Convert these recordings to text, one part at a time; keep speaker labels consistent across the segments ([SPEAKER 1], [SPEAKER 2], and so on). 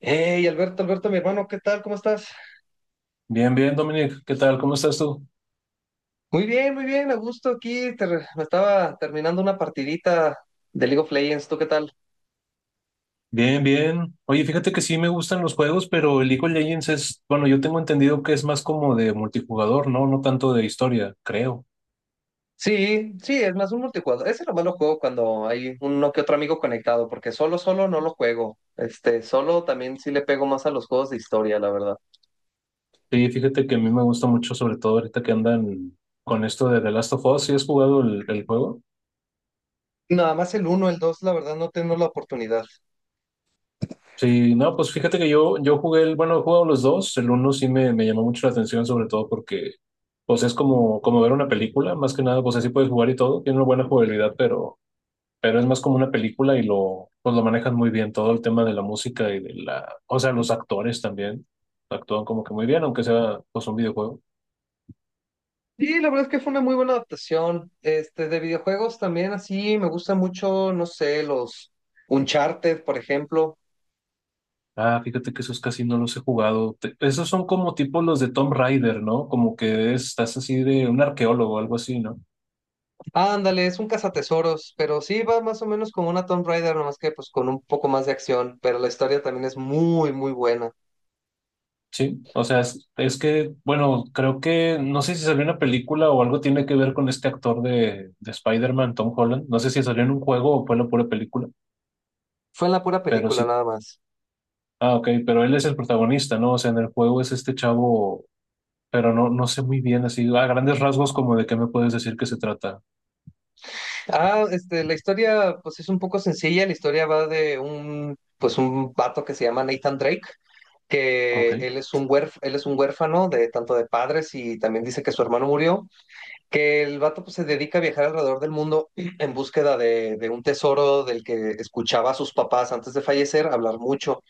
[SPEAKER 1] Hey, Alberto, Alberto, mi hermano, ¿qué tal? ¿Cómo estás?
[SPEAKER 2] Bien, bien, Dominic, ¿qué tal? ¿Cómo estás tú?
[SPEAKER 1] Muy bien, a gusto aquí. Me estaba terminando una partidita de League of Legends, ¿tú qué tal?
[SPEAKER 2] Bien, bien. Oye, fíjate que sí me gustan los juegos, pero el League of Legends es, bueno, yo tengo entendido que es más como de multijugador, ¿no? No tanto de historia, creo.
[SPEAKER 1] Sí, sí, es más un multijugador. Ese nomás lo juego cuando hay uno que otro amigo conectado, porque solo no lo juego. Este, solo también sí le pego más a los juegos de historia, la verdad.
[SPEAKER 2] Sí, fíjate que a mí me gusta mucho, sobre todo ahorita que andan con esto de The Last of Us. ¿Sí has jugado el juego?
[SPEAKER 1] Nada más el uno, el dos, la verdad, no tengo la oportunidad.
[SPEAKER 2] Sí, no, pues fíjate que yo he jugado los dos. El uno sí me llamó mucho la atención, sobre todo porque, pues es como ver una película, más que nada, pues así puedes jugar y todo. Tiene una buena jugabilidad, pero es más como una película y lo manejan muy bien, todo el tema de la música y o sea, los actores también actúan como que muy bien, aunque sea pues un videojuego.
[SPEAKER 1] Sí, la verdad es que fue una muy buena adaptación. Este, de videojuegos también así, me gustan mucho, no sé, los Uncharted, por ejemplo.
[SPEAKER 2] Ah, fíjate que esos casi no los he jugado. Esos son como tipo los de Tomb Raider, ¿no? Como que estás así de un arqueólogo o algo así, ¿no?
[SPEAKER 1] Ándale, es un cazatesoros, pero sí va más o menos como una Tomb Raider, nomás que pues con un poco más de acción, pero la historia también es muy, muy buena.
[SPEAKER 2] Sí, o sea, es que, bueno, creo que, no sé si salió una película o algo tiene que ver con este actor de Spider-Man, Tom Holland. No sé si salió en un juego o fue la pura película,
[SPEAKER 1] Fue en la pura
[SPEAKER 2] pero
[SPEAKER 1] película
[SPEAKER 2] sí.
[SPEAKER 1] nada más.
[SPEAKER 2] Ah, ok, pero él es el protagonista, ¿no? O sea, en el juego es este chavo, pero no, no sé muy bien, así, a grandes rasgos, como de qué me puedes decir que se trata.
[SPEAKER 1] Ah, este, la historia pues es un poco sencilla, la historia va de un, pues un vato que se llama Nathan Drake,
[SPEAKER 2] Ok.
[SPEAKER 1] que él es un él es un huérfano de tanto de padres y también dice que su hermano murió, que el vato pues se dedica a viajar alrededor del mundo en búsqueda de un tesoro del que escuchaba a sus papás antes de fallecer hablar mucho.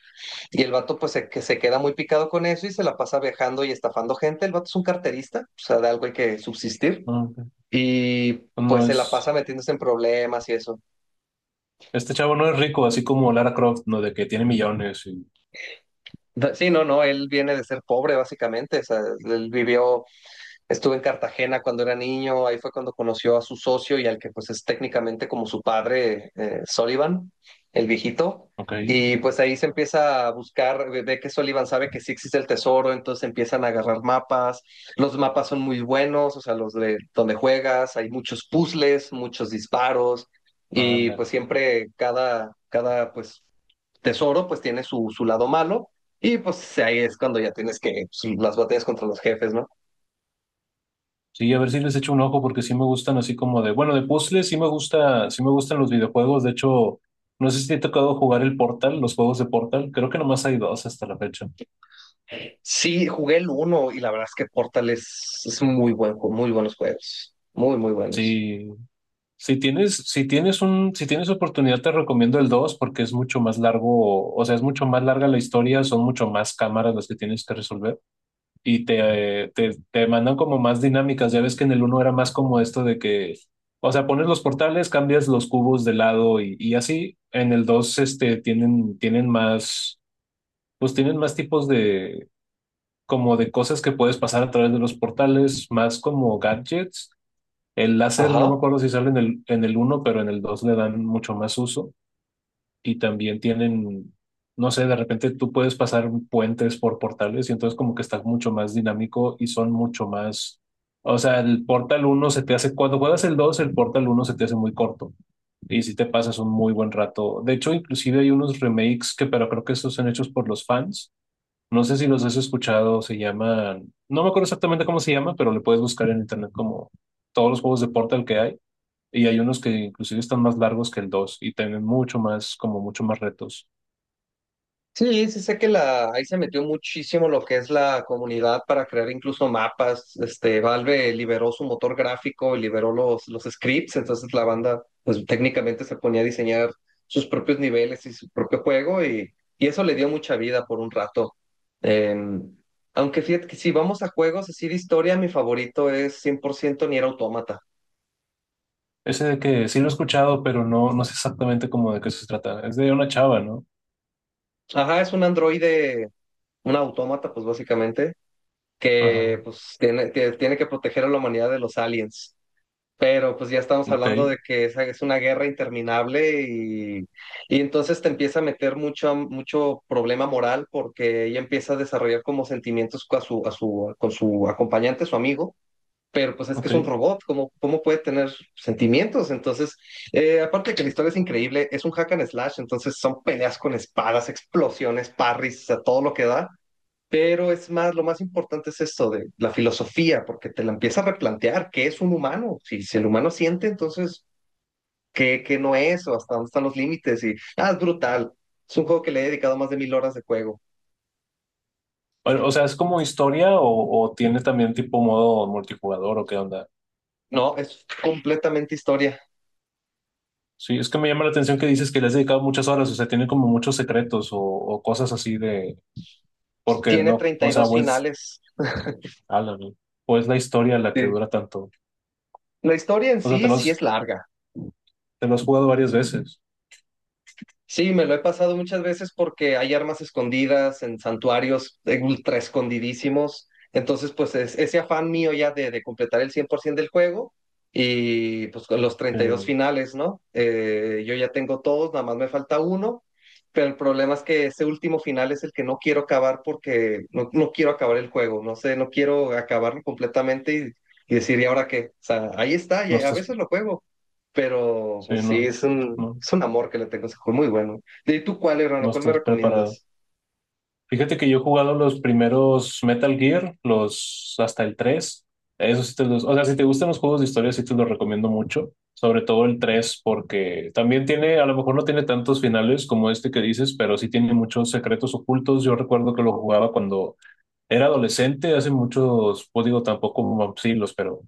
[SPEAKER 1] Y el vato pues se, que se queda muy picado con eso y se la pasa viajando y estafando gente. El vato es un carterista, o sea, de algo hay que subsistir.
[SPEAKER 2] Ah, ok.
[SPEAKER 1] Y
[SPEAKER 2] Pues no
[SPEAKER 1] pues se la pasa
[SPEAKER 2] es.
[SPEAKER 1] metiéndose en problemas y eso.
[SPEAKER 2] Este chavo no es rico, así como Lara Croft, ¿no? De que tiene millones y.
[SPEAKER 1] Sí, no, no, él viene de ser pobre básicamente, o sea, él vivió. Estuve en Cartagena cuando era niño, ahí fue cuando conoció a su socio y al que pues es técnicamente como su padre, Sullivan, el viejito.
[SPEAKER 2] Ok.
[SPEAKER 1] Y pues ahí se empieza a buscar, ve que Sullivan sabe que sí existe el tesoro, entonces empiezan a agarrar mapas. Los mapas son muy buenos, o sea, los de donde juegas, hay muchos puzzles, muchos disparos y
[SPEAKER 2] Ándale.
[SPEAKER 1] pues siempre cada, cada pues tesoro pues tiene su, su lado malo y pues ahí es cuando ya tienes que pues, las batallas contra los jefes, ¿no?
[SPEAKER 2] Sí, a ver si les echo un ojo, porque sí me gustan así como de. Bueno, de puzzles sí me gusta, sí me gustan los videojuegos. De hecho, no sé si te ha tocado jugar el Portal, los juegos de Portal. Creo que nomás hay dos hasta la fecha.
[SPEAKER 1] Sí, jugué el uno y la verdad es que Portal es un muy buen, muy buenos juegos. Muy, muy buenos.
[SPEAKER 2] Sí. Si tienes oportunidad, te recomiendo el 2 porque es mucho más largo, o sea, es mucho más larga la historia, son mucho más cámaras las que tienes que resolver y te mandan como más dinámicas. Ya ves que en el uno era más como esto de que, o sea, pones los portales, cambias los cubos de lado y así. En el 2 tienen más, pues tienen más tipos de, como de cosas que puedes pasar a través de los portales, más como gadgets. El láser, no me
[SPEAKER 1] Ajá.
[SPEAKER 2] acuerdo si sale en el uno, pero en el 2 le dan mucho más uso y también tienen, no sé, de repente tú puedes pasar puentes por portales y entonces como que está mucho más dinámico y son mucho más, o sea, el Portal uno se te hace, cuando juegas el dos, el Portal uno se te hace muy corto y si te pasas un muy buen rato. De hecho, inclusive hay unos remakes, que, pero creo que estos son hechos por los fans. No sé si los has escuchado, se llaman, no me acuerdo exactamente cómo se llama, pero le puedes buscar en internet como todos los juegos de Portal que hay, y hay unos que inclusive están más largos que el 2 y tienen mucho más, como mucho más retos.
[SPEAKER 1] Sí, sí sé que la, ahí se metió muchísimo lo que es la comunidad para crear incluso mapas. Este, Valve liberó su motor gráfico y liberó los scripts, entonces la banda pues técnicamente se ponía a diseñar sus propios niveles y su propio juego y eso le dio mucha vida por un rato. Eh, Aunque fíjate que si vamos a juegos así de historia, mi favorito es 100% Nier Automata.
[SPEAKER 2] Ese de que sí lo he escuchado, pero no, no sé exactamente cómo de qué se trata. Es de una chava, ¿no?
[SPEAKER 1] Ajá, es un androide, un autómata pues básicamente,
[SPEAKER 2] Ajá.
[SPEAKER 1] que pues tiene, tiene que proteger a la humanidad de los aliens. Pero pues ya estamos
[SPEAKER 2] Ok,
[SPEAKER 1] hablando de que esa es una guerra interminable y entonces te empieza a meter mucho, mucho problema moral porque ella empieza a desarrollar como sentimientos con su, a su, con su acompañante, su amigo, pero pues es que
[SPEAKER 2] ok.
[SPEAKER 1] es un robot, ¿cómo, cómo puede tener sentimientos? Entonces, aparte de que la historia es increíble, es un hack and slash, entonces son peleas con espadas, explosiones, parries, a todo lo que da. Pero es más, lo más importante es esto de la filosofía, porque te la empieza a replantear, ¿qué es un humano? Si, si el humano siente, entonces, ¿qué, qué no es? ¿O hasta dónde están los límites? Y, ah, es brutal. Es un juego que le he dedicado más de mil horas de juego.
[SPEAKER 2] Bueno, o sea, ¿es como historia o tiene también tipo modo multijugador o qué onda?
[SPEAKER 1] No, es completamente historia.
[SPEAKER 2] Sí, es que me llama la atención que dices que le has dedicado muchas horas, o sea, tiene como muchos secretos o cosas así de, porque
[SPEAKER 1] Tiene
[SPEAKER 2] no,
[SPEAKER 1] treinta
[SPEAKER 2] o
[SPEAKER 1] y
[SPEAKER 2] sea,
[SPEAKER 1] dos
[SPEAKER 2] pues,
[SPEAKER 1] finales.
[SPEAKER 2] ala, ¿no? ¿O es la historia la que
[SPEAKER 1] Sí.
[SPEAKER 2] dura tanto?
[SPEAKER 1] La historia en
[SPEAKER 2] O sea,
[SPEAKER 1] sí sí es larga.
[SPEAKER 2] te lo has jugado varias veces.
[SPEAKER 1] Sí, me lo he pasado muchas veces porque hay armas escondidas en santuarios ultra escondidísimos. Entonces, pues es, ese afán mío ya de completar el 100% del juego y pues con los treinta y dos
[SPEAKER 2] Eh,
[SPEAKER 1] finales, ¿no? Yo ya tengo todos, nada más me falta uno, pero el problema es que ese último final es el que no quiero acabar porque no, no quiero acabar el juego, no sé, no quiero acabarlo completamente y decir, ¿y ahora qué? O sea, ahí está, y
[SPEAKER 2] no
[SPEAKER 1] a
[SPEAKER 2] estás
[SPEAKER 1] veces lo juego. Pero pues
[SPEAKER 2] Sí,
[SPEAKER 1] sí,
[SPEAKER 2] no, no,
[SPEAKER 1] es un amor que le tengo a ese juego, muy bueno. ¿Y tú cuál, hermano?
[SPEAKER 2] no
[SPEAKER 1] ¿Cuál me
[SPEAKER 2] estás preparado.
[SPEAKER 1] recomiendas?
[SPEAKER 2] Fíjate que yo he jugado los primeros Metal Gear, los hasta el tres. Eso sí te los, o sea, si te gustan los juegos de historia, sí te los recomiendo mucho. Sobre todo el 3 porque también tiene, a lo mejor no tiene tantos finales como este que dices, pero sí tiene muchos secretos ocultos. Yo recuerdo que lo jugaba cuando era adolescente, hace muchos, pues digo, tampoco como siglos, pero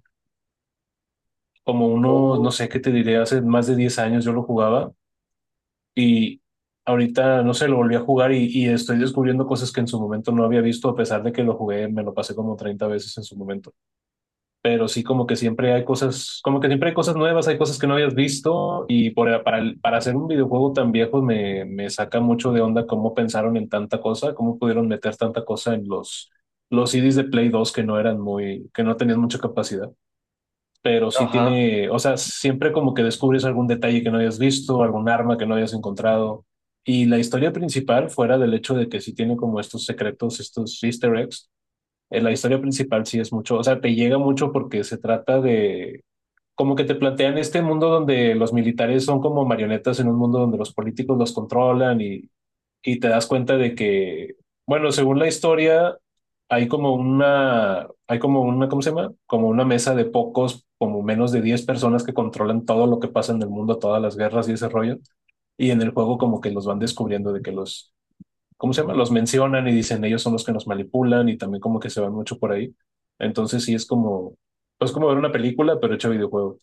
[SPEAKER 2] como unos, no
[SPEAKER 1] Oh,
[SPEAKER 2] sé qué te diré, hace más de 10 años yo lo jugaba. Y ahorita, no sé, lo volví a jugar y estoy descubriendo cosas que en su momento no había visto, a pesar de que lo jugué, me lo pasé como 30 veces en su momento. Pero sí, como que siempre hay cosas, como que siempre hay cosas nuevas, hay cosas que no habías visto y para hacer un videojuego tan viejo me saca mucho de onda cómo pensaron en tanta cosa, cómo pudieron meter tanta cosa en los CDs de Play 2 que no eran que no tenían mucha capacidad, pero sí
[SPEAKER 1] ajá,
[SPEAKER 2] tiene, o sea, siempre como que descubres algún detalle que no hayas visto, algún arma que no hayas encontrado. Y la historia principal, fuera del hecho de que sí tiene como estos secretos, estos easter eggs, la historia principal sí es mucho, o sea, te llega mucho porque se trata de, como que te plantean este mundo donde los militares son como marionetas en un mundo donde los políticos los controlan, y te das cuenta de que, bueno, según la historia, hay como una, ¿cómo se llama? Como una mesa de pocos, como menos de 10 personas que controlan todo lo que pasa en el mundo, todas las guerras y ese rollo. Y en el juego como que los van descubriendo de que los, ¿cómo se llama? Los mencionan y dicen ellos son los que nos manipulan y también como que se van mucho por ahí. Entonces sí es como ver una película, pero hecho videojuego.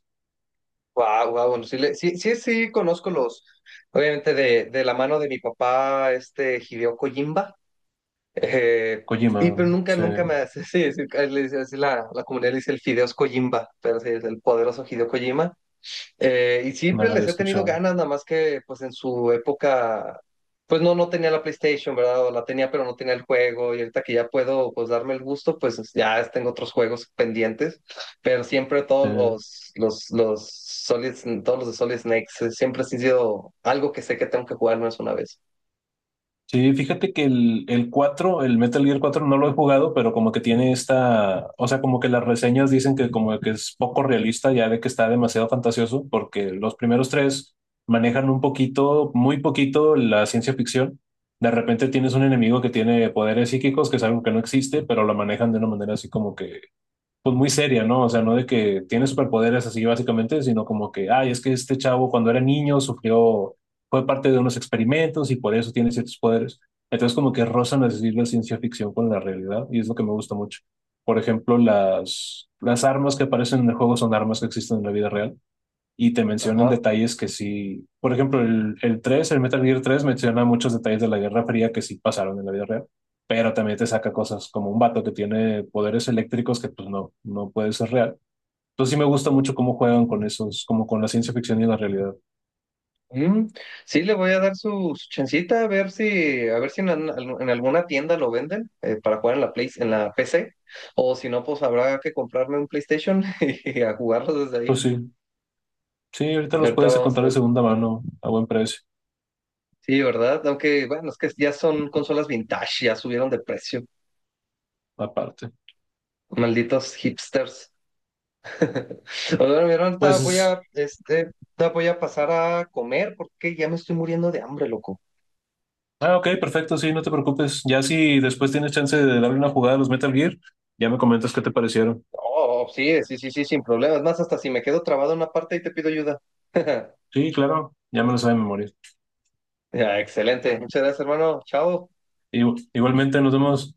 [SPEAKER 1] wow, wow, bueno, sí, sí, sí, sí, conozco los, obviamente de la mano de mi papá, este Hideo Kojimba,
[SPEAKER 2] Kojima,
[SPEAKER 1] y pero nunca,
[SPEAKER 2] sí,
[SPEAKER 1] nunca me
[SPEAKER 2] no
[SPEAKER 1] hace, sí, sí, así la, la comunidad le dice el Fideos Kojimba, pero sí, es el poderoso Hideo Kojima. Y
[SPEAKER 2] lo
[SPEAKER 1] siempre
[SPEAKER 2] había
[SPEAKER 1] les he tenido
[SPEAKER 2] escuchado.
[SPEAKER 1] ganas, nada más que pues en su época, pues no, no tenía la PlayStation, ¿verdad? O la tenía, pero no tenía el juego. Y ahorita que ya puedo pues darme el gusto, pues ya tengo otros juegos pendientes. Pero siempre
[SPEAKER 2] Sí.
[SPEAKER 1] todos los Solid, todos los de Solid Snakes, siempre han sido algo que sé que tengo que jugar más una vez.
[SPEAKER 2] Sí, fíjate que el Metal Gear 4 no lo he jugado, pero como que tiene esta, o sea, como que las reseñas dicen que como que es poco realista, ya de que está demasiado fantasioso, porque los primeros tres manejan un poquito, muy poquito la ciencia ficción. De repente tienes un enemigo que tiene poderes psíquicos, que es algo que no existe, pero lo manejan de una manera así como que pues muy seria, ¿no? O sea, no de que tiene superpoderes así básicamente, sino como que, ay, es que este chavo cuando era niño sufrió, fue parte de unos experimentos y por eso tiene ciertos poderes. Entonces como que rozan a decir la ciencia ficción con la realidad y es lo que me gusta mucho. Por ejemplo, las armas que aparecen en el juego son armas que existen en la vida real y te mencionan
[SPEAKER 1] Ajá.
[SPEAKER 2] detalles que sí, por ejemplo, el Metal Gear 3 menciona muchos detalles de la Guerra Fría que sí pasaron en la vida real, pero también te saca cosas como un vato que tiene poderes eléctricos que pues no, no puede ser real. Entonces sí me gusta mucho cómo juegan con esos, como con la ciencia ficción y la realidad.
[SPEAKER 1] Mm, sí, le voy a dar su, su chancita a ver si en, en alguna tienda lo venden para jugar en la Play, en la PC. O si no, pues habrá que comprarme un PlayStation y a jugarlo desde ahí.
[SPEAKER 2] Pues sí, sí, ahorita los
[SPEAKER 1] Ahorita
[SPEAKER 2] puedes
[SPEAKER 1] vamos a
[SPEAKER 2] encontrar de
[SPEAKER 1] ver.
[SPEAKER 2] segunda mano a buen precio,
[SPEAKER 1] Sí, ¿verdad? Aunque, bueno, es que ya son consolas vintage, ya subieron de precio.
[SPEAKER 2] aparte.
[SPEAKER 1] Malditos hipsters. Bueno, mi hermano, ahorita voy
[SPEAKER 2] Pues,
[SPEAKER 1] a, este, ahorita voy a pasar a comer porque ya me estoy muriendo de hambre, loco.
[SPEAKER 2] ah, ok, perfecto, sí, no te preocupes. Ya si después tienes chance de darle una jugada a los Metal Gear, ya me comentas qué te parecieron.
[SPEAKER 1] Oh, sí, sí, sí, sí, sin problemas. Más hasta si me quedo trabado en una parte y te pido ayuda.
[SPEAKER 2] Sí, claro, ya me lo sabe de memoria.
[SPEAKER 1] Ya, excelente. Muchas gracias, hermano. Chao.
[SPEAKER 2] Igualmente, nos vemos.